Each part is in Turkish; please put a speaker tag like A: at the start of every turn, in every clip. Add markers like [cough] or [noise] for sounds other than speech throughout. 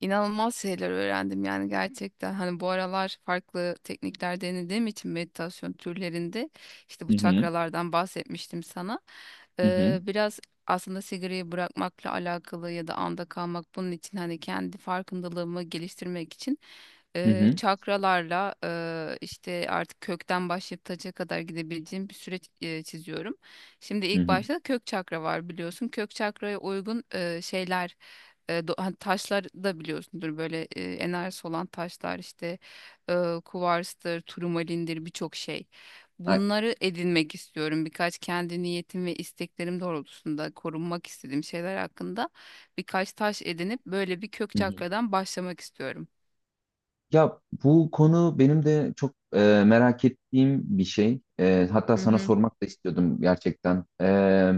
A: İnanılmaz şeyler öğrendim yani gerçekten. Hani bu aralar farklı teknikler denediğim için meditasyon türlerinde işte bu
B: Hı hı.
A: çakralardan bahsetmiştim sana.
B: Hı hı.
A: Biraz aslında sigarayı bırakmakla alakalı ya da anda kalmak bunun için hani kendi farkındalığımı geliştirmek için
B: Hı hı.
A: çakralarla işte artık kökten başlayıp taca kadar gidebileceğim bir süreç çiziyorum. Şimdi
B: Hı
A: ilk
B: hı.
A: başta kök çakra var biliyorsun. Kök çakraya uygun şeyler hani taşlar da biliyorsundur böyle enerjisi olan taşlar işte kuvarstır, turmalindir birçok şey.
B: Ay,
A: Bunları edinmek istiyorum. Birkaç kendi niyetim ve isteklerim doğrultusunda korunmak istediğim şeyler hakkında birkaç taş edinip böyle bir kök
B: hı hı.
A: çakradan başlamak istiyorum.
B: Ya bu konu benim de çok merak ettiğim bir şey. Hatta
A: Hı
B: sana
A: hı.
B: sormak da istiyordum gerçekten.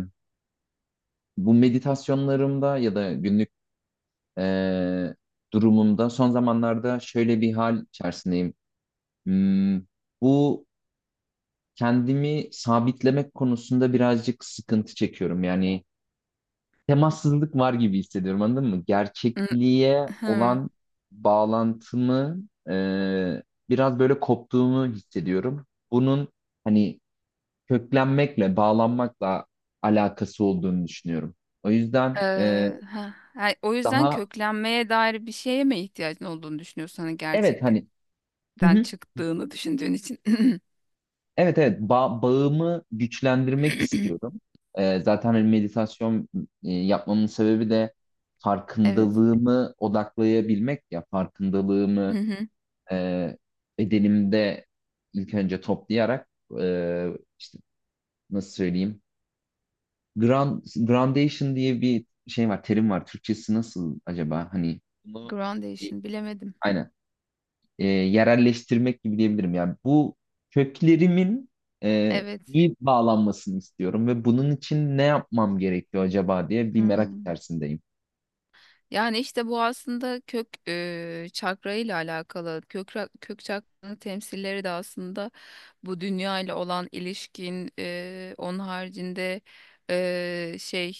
B: Bu meditasyonlarımda ya da günlük e, durumumda son zamanlarda şöyle bir hal içerisindeyim. Hmm, Bu kendimi sabitlemek konusunda birazcık sıkıntı çekiyorum. Yani temassızlık var gibi hissediyorum, anladın mı?
A: Hı
B: Gerçekliğe
A: hı.
B: olan bağlantımı e, biraz böyle koptuğumu hissediyorum. Bunun hani köklenmekle, bağlanmakla alakası olduğunu düşünüyorum. O yüzden
A: Ee, ha. Yani o yüzden
B: daha
A: köklenmeye dair bir şeye mi ihtiyacın olduğunu düşünüyorsun? Hani
B: evet, hani
A: gerçeklikten
B: hı hı,
A: çıktığını düşündüğün için.
B: evet evet, bağımı güçlendirmek
A: [clears throat]
B: istiyorum. Zaten hani meditasyon yapmamın sebebi de
A: Evet.
B: farkındalığımı odaklayabilmek, ya farkındalığımı
A: [laughs]
B: e, bedenimde ilk önce toplayarak e, işte, nasıl söyleyeyim, grand, gradation diye bir şey var, terim var, Türkçesi nasıl acaba, hani bunu y-
A: Groundation bilemedim.
B: aynen. Yerelleştirmek gibi diyebilirim yani bu köklerimin
A: Evet.
B: iyi bağlanmasını istiyorum ve bunun için ne yapmam gerekiyor acaba diye bir merak
A: Hmm.
B: içerisindeyim.
A: Yani işte bu aslında kök çakra ile alakalı. Kök çakranın temsilleri de aslında bu dünya ile olan ilişkin. Onun haricinde şey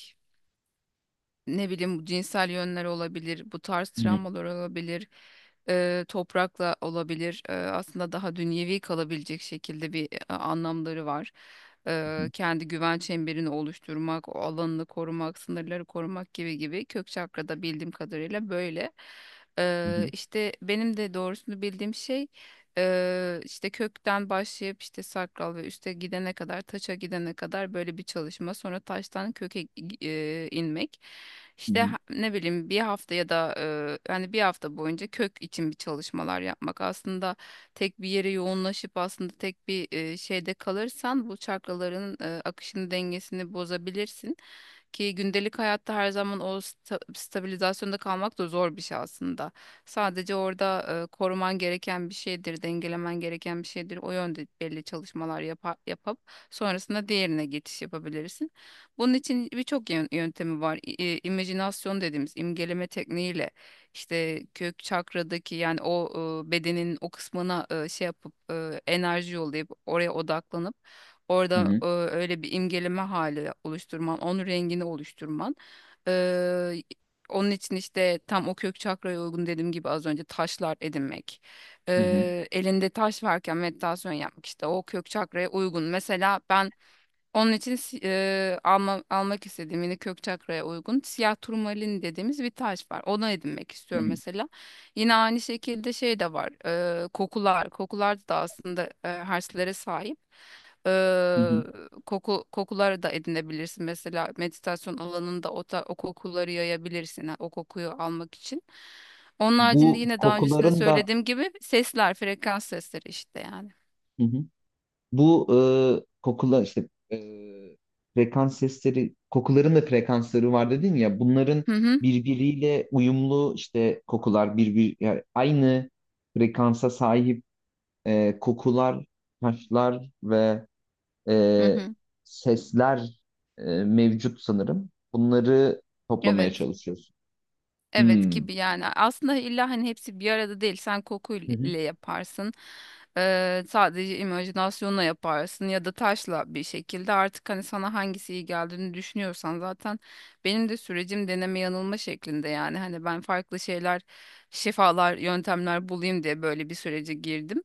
A: ne bileyim bu cinsel yönler olabilir, bu tarz
B: Hı hı,
A: travmalar olabilir, toprakla olabilir. Aslında daha dünyevi kalabilecek şekilde bir anlamları var. Kendi güven çemberini oluşturmak, o alanını korumak, sınırları korumak gibi gibi kök çakrada bildiğim kadarıyla böyle.
B: hı hı,
A: İşte benim de doğrusunu bildiğim şey işte kökten başlayıp işte sakral ve üste gidene kadar taça gidene kadar böyle bir çalışma sonra taştan köke inmek. İşte ne bileyim bir hafta ya da hani bir hafta boyunca kök için bir çalışmalar yapmak aslında tek bir yere yoğunlaşıp aslında tek bir şeyde kalırsan bu çakraların akışını dengesini bozabilirsin. Ki gündelik hayatta her zaman o stabilizasyonda kalmak da zor bir şey aslında. Sadece orada koruman gereken bir şeydir, dengelemen gereken bir şeydir. O yönde belli çalışmalar yapıp sonrasında diğerine geçiş yapabilirsin. Bunun için birçok yöntemi var. İ- e, imajinasyon dediğimiz imgeleme tekniğiyle işte kök çakradaki yani o bedenin o kısmına şey yapıp enerji yollayıp oraya odaklanıp.
B: hı
A: Orada
B: hı,
A: öyle bir imgeleme hali oluşturman, onun rengini oluşturman. Eee, onun için işte tam o kök çakraya uygun dediğim gibi az önce taşlar edinmek.
B: hı hı, hı hı,
A: Elinde taş varken meditasyon yapmak işte o kök çakraya uygun. Mesela ben onun için almak istediğim yine kök çakraya uygun siyah turmalin dediğimiz bir taş var. Onu edinmek
B: hı
A: istiyorum
B: hı,
A: mesela. Yine aynı şekilde şey de var. Kokular. Kokular da aslında herslere sahip.
B: hı
A: Eee
B: hı.
A: kokuları da edinebilirsin. Mesela meditasyon alanında o kokuları yayabilirsin. Ha, o kokuyu almak için. Onun haricinde
B: Bu
A: yine daha öncesinde
B: kokuların da.
A: söylediğim gibi sesler, frekans sesleri işte yani.
B: Bu Kokular işte, frekans sesleri, kokuların da frekansları var dedin ya. Bunların
A: Hı hı.
B: birbiriyle uyumlu, işte kokular yani aynı frekansa sahip kokular, taşlar ve
A: Hı
B: e,
A: hı.
B: sesler mevcut sanırım. Bunları toplamaya
A: Evet.
B: çalışıyorsun.
A: Evet
B: Hmm.
A: gibi yani aslında illa hani hepsi bir arada değil sen
B: Hı hı,
A: kokuyla yaparsın. Sadece imajinasyonla yaparsın ya da taşla bir şekilde artık hani sana hangisi iyi geldiğini düşünüyorsan zaten benim de sürecim deneme yanılma şeklinde yani hani ben farklı şeyler şifalar yöntemler bulayım diye böyle bir sürece girdim.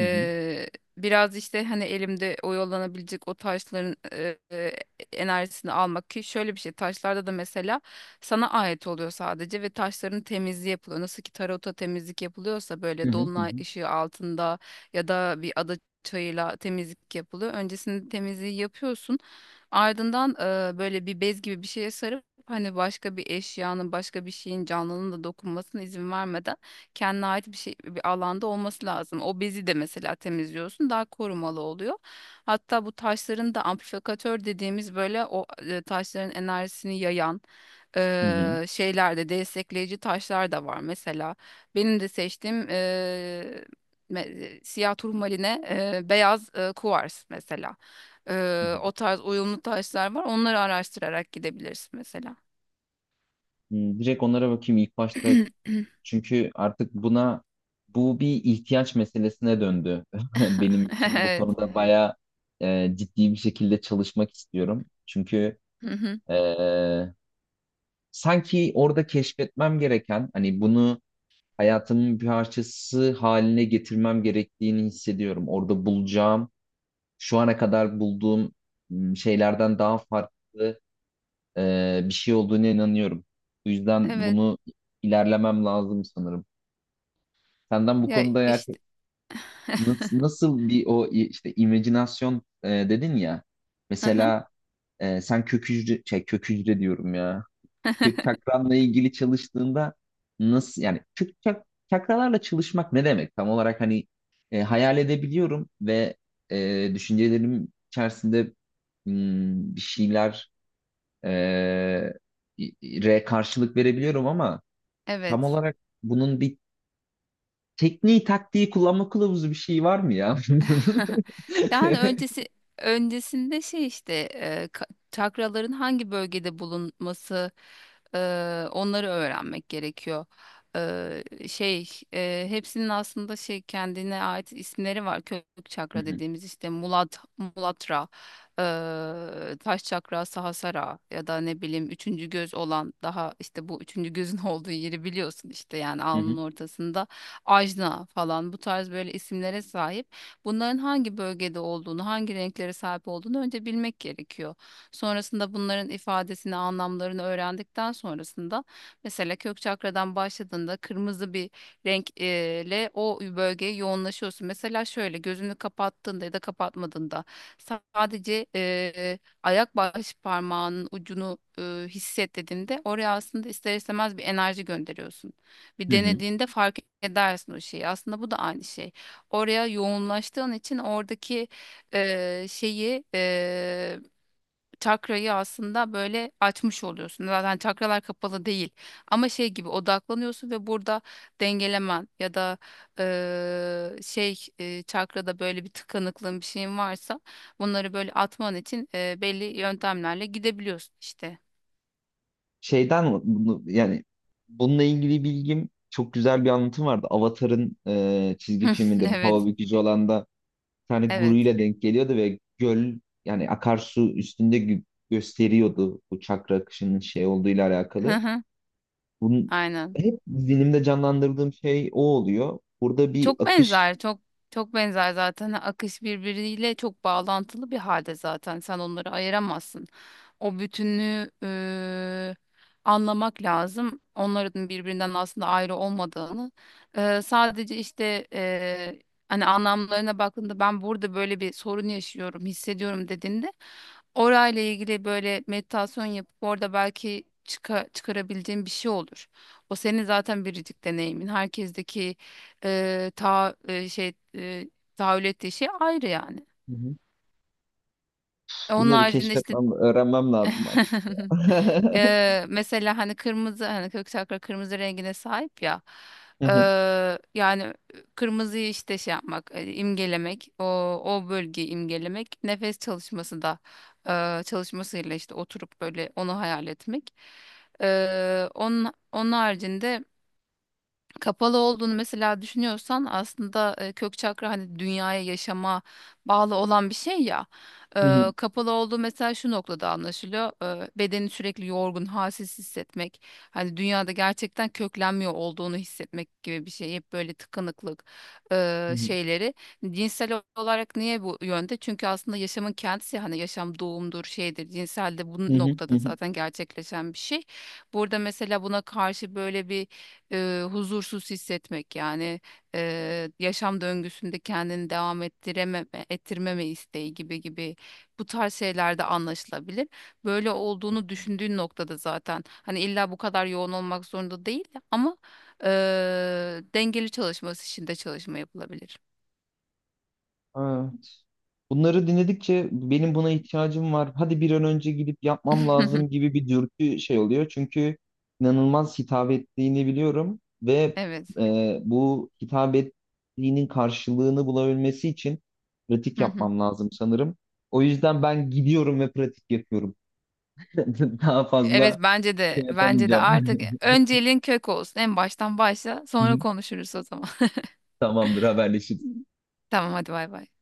B: hı hı,
A: biraz işte hani elimde oyalanabilecek o taşların enerjisini almak ki şöyle bir şey taşlarda da mesela sana ait oluyor sadece ve taşların temizliği yapılıyor. Nasıl ki tarota temizlik yapılıyorsa
B: hı
A: böyle
B: hı, hı
A: dolunay
B: hı,
A: ışığı altında ya da bir ada çayıyla temizlik yapılıyor. Öncesinde temizliği yapıyorsun. Ardından böyle bir bez gibi bir şeye sarıp hani başka bir eşyanın, başka bir şeyin canlının da dokunmasına izin vermeden kendine ait bir şey bir alanda olması lazım. O bezi de mesela temizliyorsun, daha korumalı oluyor. Hatta bu taşların da amplifikatör dediğimiz böyle o taşların enerjisini yayan
B: hı hı,
A: şeylerde destekleyici taşlar da var. Mesela benim de seçtiğim siyah turmaline beyaz kuvars mesela.
B: hı
A: Eee,
B: hı.
A: o tarz uyumlu taşlar var. Onları araştırarak gidebilirsin mesela.
B: Direkt onlara bakayım ilk başta.
A: [clears throat]
B: Çünkü artık buna, bir ihtiyaç meselesine döndü [laughs] benim için. Bu
A: Evet.
B: konuda bayağı ciddi bir şekilde çalışmak istiyorum. Çünkü
A: Hı hı.
B: e, sanki orada keşfetmem gereken, hani bunu hayatımın bir parçası haline getirmem gerektiğini hissediyorum. Orada bulacağım, şu ana kadar bulduğum şeylerden daha farklı bir şey olduğuna inanıyorum. Bu yüzden
A: Evet.
B: bunu ilerlemem lazım sanırım. Senden bu
A: Ya
B: konuda, eğer.
A: işte. [laughs]
B: Nasıl bir, işte imajinasyon dedin ya.
A: Hı hı.
B: Mesela sen kök hücre, kök hücre diyorum ya. Kök çakranla ilgili çalıştığında nasıl, yani çakralarla çalışmak ne demek? Tam olarak hani hayal edebiliyorum ve düşüncelerim içerisinde bir şeyler e, karşılık verebiliyorum ama tam
A: Evet.
B: olarak bunun bir tekniği, taktiği, kullanma kılavuzu bir şey var mı ya? [laughs]
A: [laughs] Yani öncesinde şey işte çakraların hangi bölgede bulunması e, onları öğrenmek gerekiyor. Şey hepsinin aslında şey kendine ait isimleri var. Kök
B: Hı
A: çakra
B: hı,
A: dediğimiz işte Mulatra, taş çakra, Sahasara ya da ne bileyim üçüncü göz olan daha işte bu üçüncü gözün [laughs] olduğu yeri biliyorsun işte yani
B: hı
A: alnın
B: hı,
A: ortasında Ajna falan bu tarz böyle isimlere sahip bunların hangi bölgede olduğunu, hangi renklere sahip olduğunu önce bilmek gerekiyor. Sonrasında bunların ifadesini, anlamlarını öğrendikten sonrasında mesela kök çakradan başladığında kırmızı bir renkle o bölgeye yoğunlaşıyorsun. Mesela şöyle gözünü kapattığında ya da kapatmadığında sadece ayak baş parmağının ucunu hisset dediğinde oraya aslında ister istemez bir enerji gönderiyorsun. Bir
B: hı hı.
A: denediğinde fark edersin o şeyi. Aslında bu da aynı şey oraya yoğunlaştığın için oradaki şeyi çakrayı aslında böyle açmış oluyorsun. Zaten çakralar kapalı değil ama şey gibi odaklanıyorsun ve burada dengelemen ya da şey çakrada böyle bir tıkanıklığın bir şeyin varsa bunları böyle atman için belli yöntemlerle gidebiliyorsun işte.
B: Şeyden bunu yani Bununla ilgili bilgim, çok güzel bir anlatım vardı. Avatar'ın çizgi
A: [laughs]
B: filminde bu
A: Evet,
B: hava bükücü olan da bir tane
A: evet.
B: guruyla denk geliyordu ve göl, yani akarsu üstünde gösteriyordu bu çakra akışının şey olduğuyla alakalı.
A: [laughs]
B: Bunun
A: Aynen.
B: hep zihnimde canlandırdığım şey o oluyor. Burada bir
A: Çok
B: akış.
A: benzer, çok çok benzer zaten. Hani akış birbiriyle çok bağlantılı bir halde zaten. Sen onları ayıramazsın. O bütünlüğü anlamak lazım. Onların birbirinden aslında ayrı olmadığını. Sadece işte hani anlamlarına baktığında ben burada böyle bir sorun yaşıyorum, hissediyorum dediğinde orayla ilgili böyle meditasyon yapıp orada belki çıkarabileceğin bir şey olur. O senin zaten biricik deneyimin. Herkesteki şey tahayyül ettiği şey ayrı yani.
B: Hı hı.
A: Onun
B: Bunları
A: haricinde işte
B: keşfetmem, öğrenmem
A: [laughs]
B: lazım. Hı
A: mesela hani kırmızı hani kök çakra kırmızı rengine sahip ya. E,
B: hı,
A: yani kırmızıyı işte şey yapmak, imgelemek, o bölgeyi imgelemek, nefes çalışması da çalışmasıyla işte oturup böyle onu hayal etmek. Onun haricinde kapalı olduğunu mesela düşünüyorsan aslında kök çakra hani dünyaya yaşama bağlı olan bir şey ya.
B: hı hı,
A: Kapalı olduğu mesela şu noktada anlaşılıyor. Bedeni sürekli yorgun, halsiz hissetmek. Hani dünyada gerçekten köklenmiyor olduğunu hissetmek gibi bir şey. Hep böyle tıkanıklık
B: hı hı,
A: şeyleri. Cinsel olarak niye bu yönde? Çünkü aslında yaşamın kendisi hani yaşam doğumdur, şeydir. Cinsel de
B: hı
A: bu
B: hı, hı
A: noktada
B: hı.
A: zaten gerçekleşen bir şey. Burada mesela buna karşı böyle bir huzursuz hissetmek yani yaşam döngüsünde kendini devam ettirememe, ettirmeme isteği gibi gibi bu tarz şeylerde anlaşılabilir. Böyle olduğunu düşündüğün noktada zaten hani illa bu kadar yoğun olmak zorunda değil ama e, dengeli çalışması için de çalışma yapılabilir.
B: Evet. Bunları dinledikçe benim buna ihtiyacım var. Hadi bir an önce gidip yapmam lazım
A: [laughs]
B: gibi bir dürtü oluyor. Çünkü inanılmaz hitap ettiğini biliyorum ve
A: Evet.
B: bu hitap ettiğinin karşılığını bulabilmesi için pratik
A: Hı hı.
B: yapmam lazım sanırım. O yüzden ben gidiyorum ve pratik yapıyorum. [laughs] Daha
A: Evet
B: fazla
A: bence de
B: şey
A: bence de
B: yapamayacağım.
A: artık
B: [laughs]
A: önceliğin kök olsun. En baştan başla
B: Hı
A: sonra
B: hı.
A: konuşuruz o zaman.
B: Tamamdır, haberleşiriz.
A: [laughs] Tamam hadi bay bay.